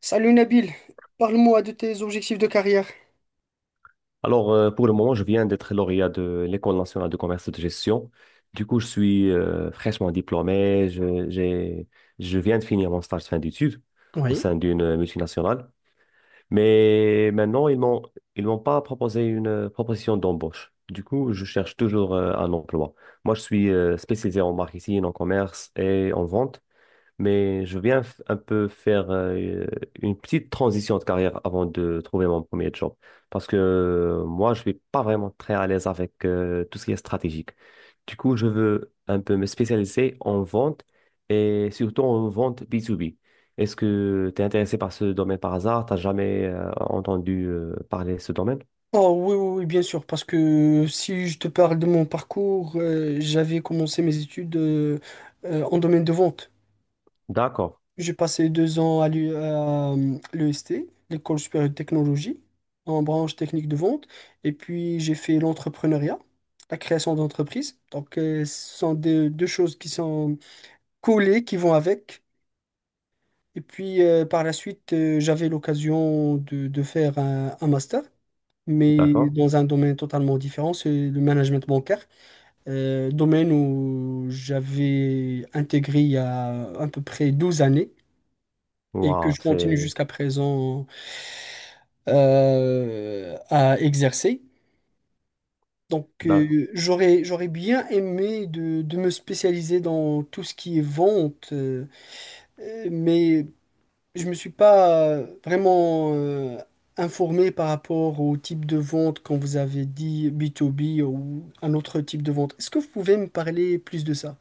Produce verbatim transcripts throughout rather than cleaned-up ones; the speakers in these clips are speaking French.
Salut Nabil, parle-moi de tes objectifs de carrière. Alors, euh, pour le moment, je viens d'être lauréat de l'École nationale de commerce et de gestion. Du coup, je suis euh, fraîchement diplômé. Je, j'ai- je viens de finir mon stage de fin d'études au sein d'une multinationale. Mais maintenant, ils m'ont, ils m'ont pas proposé une euh, proposition d'embauche. Du coup, je cherche toujours euh, un emploi. Moi, je suis euh, spécialisé en marketing, en commerce et en vente, mais je viens f- un peu faire euh, une petite transition de carrière avant de trouver mon premier job. Parce que euh, moi, je suis pas vraiment très à l'aise avec euh, tout ce qui est stratégique. Du coup, je veux un peu me spécialiser en vente, et surtout en vente B deux B. Est-ce que tu es intéressé par ce domaine par hasard? T'as jamais euh, entendu euh, parler de ce domaine? Oh oui, oui, oui, bien sûr, parce que si je te parle de mon parcours, euh, j'avais commencé mes études euh, euh, en domaine de vente. D'accord, J'ai passé deux ans à l'U- à, euh, l'E S T, l'École supérieure de technologie, en branche technique de vente, et puis j'ai fait l'entrepreneuriat, la création d'entreprise. Donc euh, ce sont deux, deux choses qui sont collées, qui vont avec. Et puis euh, par la suite, euh, j'avais l'occasion de, de faire un un master, mais d'accord. dans un domaine totalement différent, c'est le management bancaire, euh, domaine où j'avais intégré il y a à peu près douze années et que Waouh, je continue c'est... jusqu'à présent euh, à exercer. Donc, euh, j'aurais, j'aurais bien aimé de, de me spécialiser dans tout ce qui est vente, euh, euh, mais je me suis pas euh, vraiment euh, informé par rapport au type de vente quand vous avez dit b to b ou un autre type de vente. Est-ce que vous pouvez me parler plus de ça?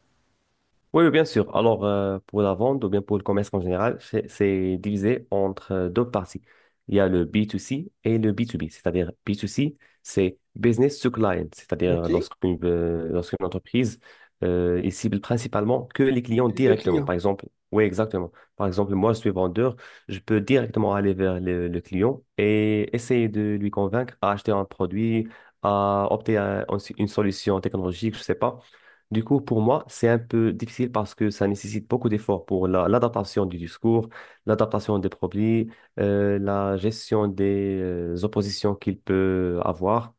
Oui, oui, bien sûr. Alors, euh, pour la vente ou bien pour le commerce en général, c'est c'est divisé entre euh, deux parties. Il y a le B deux C et le B deux B, c'est-à-dire B deux C, c'est business to client, c'est-à-dire euh, Ok. lorsqu'une euh, lorsqu'une entreprise euh, elle cible principalement que les clients Le directement. client. Par exemple, oui, exactement. Par exemple, moi, je suis vendeur, je peux directement aller vers le, le client et essayer de lui convaincre à acheter un produit, à opter à une solution technologique, je sais pas. Du coup, pour moi, c'est un peu difficile parce que ça nécessite beaucoup d'efforts pour la- l'adaptation du discours, l'adaptation des produits, euh, la gestion des euh, oppositions qu'il peut avoir.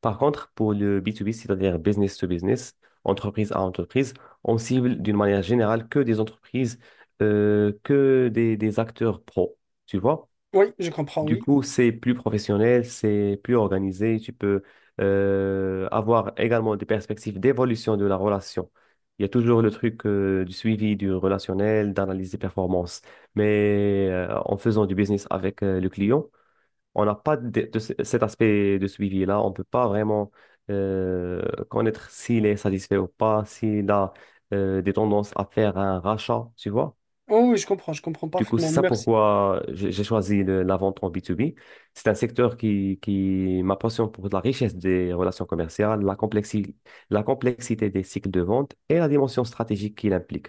Par contre, pour le B deux B, c'est-à-dire business to business, entreprise à entreprise, on cible d'une manière générale que des entreprises, euh, que des, des acteurs pro, tu vois. Oui, je comprends, Du oui. coup, c'est plus professionnel, c'est plus organisé. Tu peux euh, avoir également des perspectives d'évolution de la relation. Il y a toujours le truc euh, du suivi du relationnel, d'analyse des performances. Mais euh, en faisant du business avec euh, le client, on n'a pas de, de ce- cet aspect de suivi-là. On ne peut pas vraiment euh, connaître s'il est satisfait ou pas, s'il a euh, des tendances à faire un rachat, tu vois. Oh, oui, je comprends, je comprends Du coup, parfaitement. c'est ça Merci. pourquoi j'ai j'ai choisi le- la vente en B deux B. C'est un secteur qui, qui ma passion pour la richesse des relations commerciales, la complexi- la complexité des cycles de vente et la dimension stratégique qu'il implique.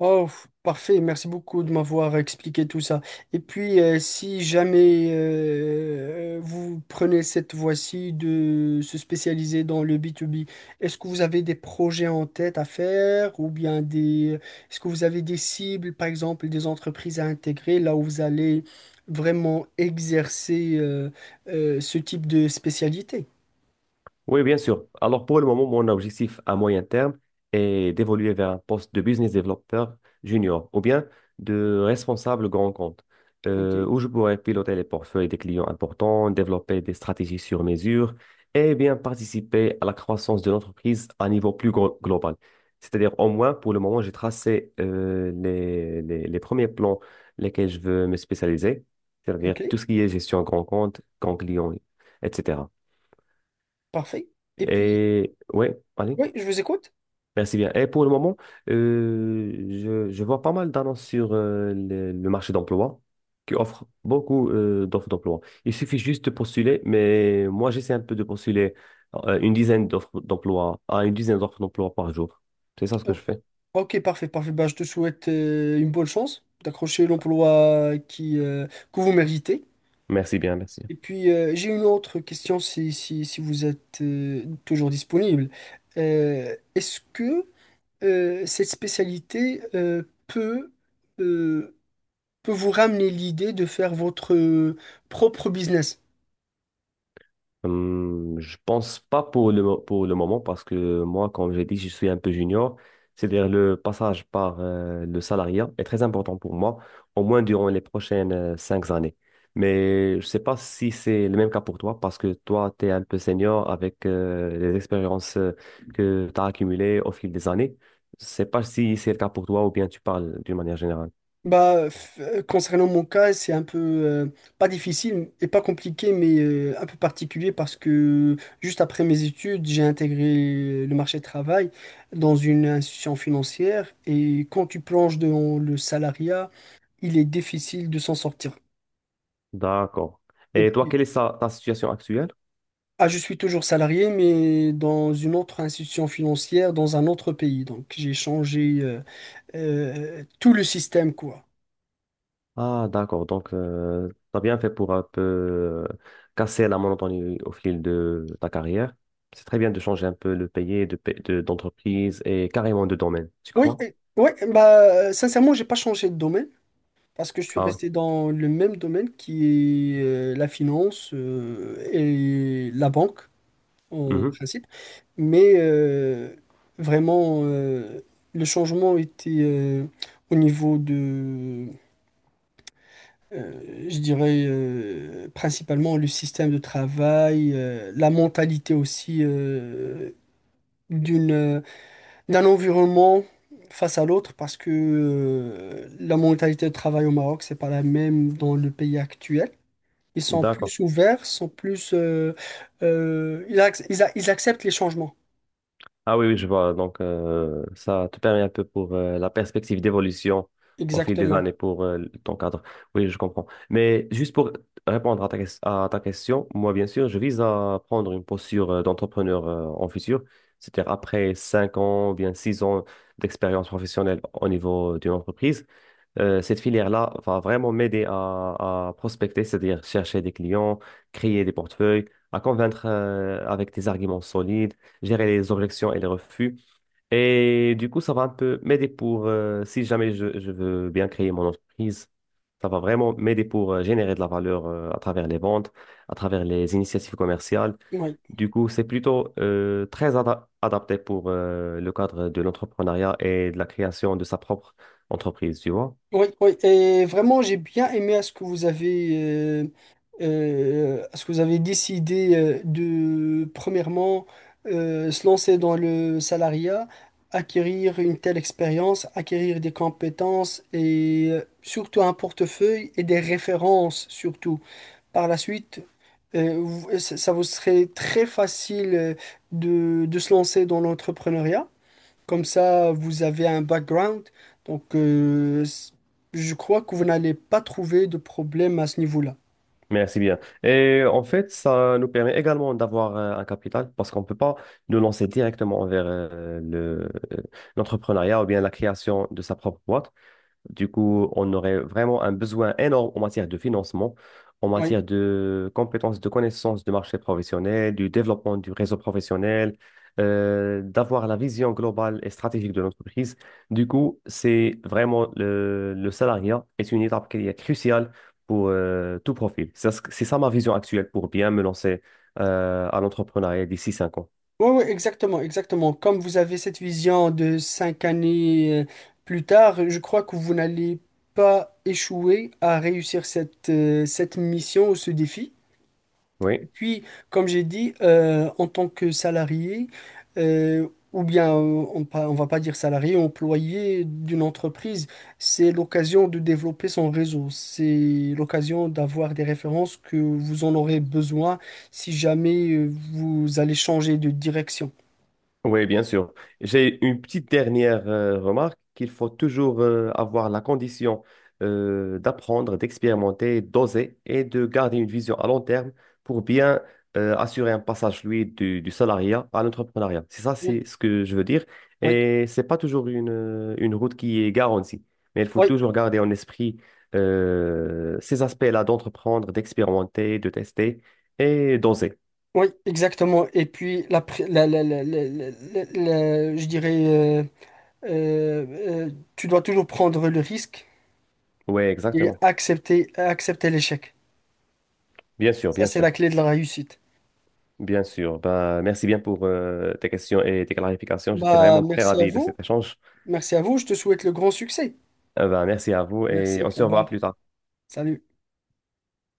Oh, parfait, merci beaucoup de m'avoir expliqué tout ça. Et puis, euh, si jamais euh, vous prenez cette voie-ci de se spécialiser dans le B to B, est-ce que vous avez des projets en tête à faire ou bien des... Est-ce que vous avez des cibles, par exemple, des entreprises à intégrer là où vous allez vraiment exercer euh, euh, ce type de spécialité? Oui, bien sûr. Alors pour le moment, mon objectif à moyen terme est d'évoluer vers un poste de business developer junior, ou bien de responsable grand compte, Ok. euh, où je pourrais piloter les portefeuilles des clients importants, développer des stratégies sur mesure et bien participer à la croissance de l'entreprise à un niveau plus gro- global. C'est-à-dire, au moins, pour le moment, j'ai tracé euh, les, les, les premiers plans lesquels je veux me spécialiser, c'est-à-dire Ok, tout ce qui est gestion grand compte, grand client, et cetera. parfait. Et puis, Et ouais, allez, oui, je vous écoute. merci bien. Et pour le moment, euh, je, je vois pas mal d'annonces sur euh, le, le marché d'emploi qui offre beaucoup euh, d'offres d'emploi. Il suffit juste de postuler, mais moi j'essaie un peu de postuler euh, une dizaine d'offres d'emploi à une dizaine d'offres d'emploi par jour. C'est ça ce que Ok. je fais. Ok, parfait, parfait. Bah, je te souhaite euh, une bonne chance d'accrocher l'emploi qui, euh, que vous méritez. Merci bien, merci. Et puis, euh, j'ai une autre question si, si, si vous êtes euh, toujours disponible. Euh, est-ce que euh, cette spécialité euh, peut, euh, peut vous ramener l'idée de faire votre euh, propre business? Hum, je pense pas pour le, mo- pour le moment parce que moi, comme j'ai dit, je suis un peu junior. C'est-à-dire le passage par euh, le salariat est très important pour moi, au moins durant les prochaines euh, cinq années. Mais je sais pas si c'est le même cas pour toi parce que toi, tu es un peu senior avec euh, les expériences euh, que tu as accumulées au fil des années. Je sais pas si c'est le cas pour toi ou bien tu parles d'une manière générale. Bah, f- euh, concernant mon cas, c'est un peu euh, pas difficile et pas compliqué, mais euh, un peu particulier parce que juste après mes études, j'ai intégré le marché du travail dans une institution financière et quand tu plonges dans le salariat, il est difficile de s'en sortir. D'accord. Et Et toi, puis, quelle est sa- ta situation actuelle? ah, je suis toujours salarié, mais dans une autre institution financière, dans un autre pays. Donc, j'ai changé euh, euh, tout le système, quoi. Ah, d'accord. Donc, euh, tu as bien fait pour un peu euh, casser la monotonie au fil de ta carrière. C'est très bien de changer un peu le pays, de, pa- de- d'entreprise et carrément de domaine, tu Oui, crois? et ouais, bah, sincèrement, j'ai pas changé de domaine. Parce que je suis Ah, oui. resté dans le même domaine qui est euh, la finance euh, et la banque en Mhm. principe, mais euh, vraiment euh, le changement était euh, au niveau de, euh, je dirais euh, principalement le système de travail, euh, la mentalité aussi euh, d'une d'un environnement face à l'autre parce que euh, la mentalité de travail au Maroc c'est pas la même dans le pays actuel. Ils sont D'accord. plus ouverts, sont plus, euh, euh, ils, ac- ils a- ils acceptent les changements. Ah oui, oui, je vois. Donc, euh, ça te permet un peu pour euh, la perspective d'évolution au fil des Exactement. années pour euh, ton cadre. Oui, je comprends. Mais juste pour répondre à ta, ques- à ta question, moi, bien sûr, je vise à prendre une posture euh, d'entrepreneur euh, en futur, c'est-à-dire après cinq ans ou bien six ans d'expérience professionnelle au niveau d'une entreprise. Euh, cette filière-là va vraiment m'aider à, à prospecter, c'est-à-dire chercher des clients, créer des portefeuilles, à convaincre euh, avec des arguments solides, gérer les objections et les refus. Et du coup, ça va un peu m'aider pour, euh, si jamais je, je veux bien créer mon entreprise, ça va vraiment m'aider pour euh, générer de la valeur euh, à travers les ventes, à travers les initiatives commerciales. Oui, Du coup, c'est plutôt euh, très ada- adapté pour euh, le cadre de l'entrepreneuriat et de la création de sa propre entreprise, tu vois. oui, oui. Et vraiment, j'ai bien aimé à ce que vous avez, euh, euh, à ce que vous avez décidé euh, de, premièrement, euh, se lancer dans le salariat, acquérir une telle expérience, acquérir des compétences et euh, surtout un portefeuille et des références surtout. Par la suite, euh, vous- euh, ça ça vous serait très facile euh, de, de se lancer dans l'entrepreneuriat. Comme ça, vous avez un background. Donc, euh, s- je crois que vous n'allez pas trouver de problème à ce niveau-là. Merci bien. Et en fait, ça nous permet également d'avoir euh, un capital parce qu'on ne peut pas nous lancer directement vers euh, le, euh, l'entrepreneuriat ou bien la création de sa propre boîte. Du coup, on aurait vraiment un besoin énorme en matière de financement, en Oui, matière de compétences, de connaissances du marché professionnel, du développement du réseau professionnel, euh, d'avoir la vision globale et stratégique de l'entreprise. Du coup, c'est vraiment le, le salariat est une étape qui est cruciale pour euh, tout profil. C'est ça, c'est ça ma vision actuelle pour bien me lancer euh, à l'entrepreneuriat d'ici cinq ans. oui, oui, exactement, exactement. Comme vous avez cette vision de cinq années euh, plus tard, je crois que vous n'allez pas échouer à réussir cette, euh, cette mission ou ce défi. Et Oui. puis, comme j'ai dit, euh, en tant que salarié, euh, ou bien euh, on, pa- on va pas dire salarié, employé d'une entreprise, c'est l'occasion de développer son réseau. C'est l'occasion d'avoir des références que vous en aurez besoin si jamais euh, vous allez changer de direction. Oui, bien sûr. J'ai une petite dernière euh, remarque qu'il faut toujours euh, avoir la condition euh, d'apprendre, d'expérimenter, d'oser et de garder une vision à long terme pour bien euh, assurer un passage, lui, du, du salariat à l'entrepreneuriat. C'est ça, Oui, c'est ce que je veux dire. oui, Et c'est pas toujours une, euh, une route qui est garantie, mais il faut oui, toujours garder en esprit euh, ces aspects-là d'entreprendre, d'expérimenter, de tester et d'oser. oui, exactement. Et puis, la, pré- la, la, la, la- la- la- la- je dirais, euh, euh, euh, tu dois toujours prendre le risque Oui, et exactement. accepter, accepter l'échec. Bien sûr, Ça, bien c'est sûr. la clé de la réussite. Bien sûr. Bah, merci bien pour euh, tes questions et tes clarifications. J'étais Bah, vraiment très merci à ravi de vous. cet échange. Merci à vous. Je te souhaite le grand succès. Euh, bah, merci à vous et Merci. on Au se revoir. revoit plus tard. Salut.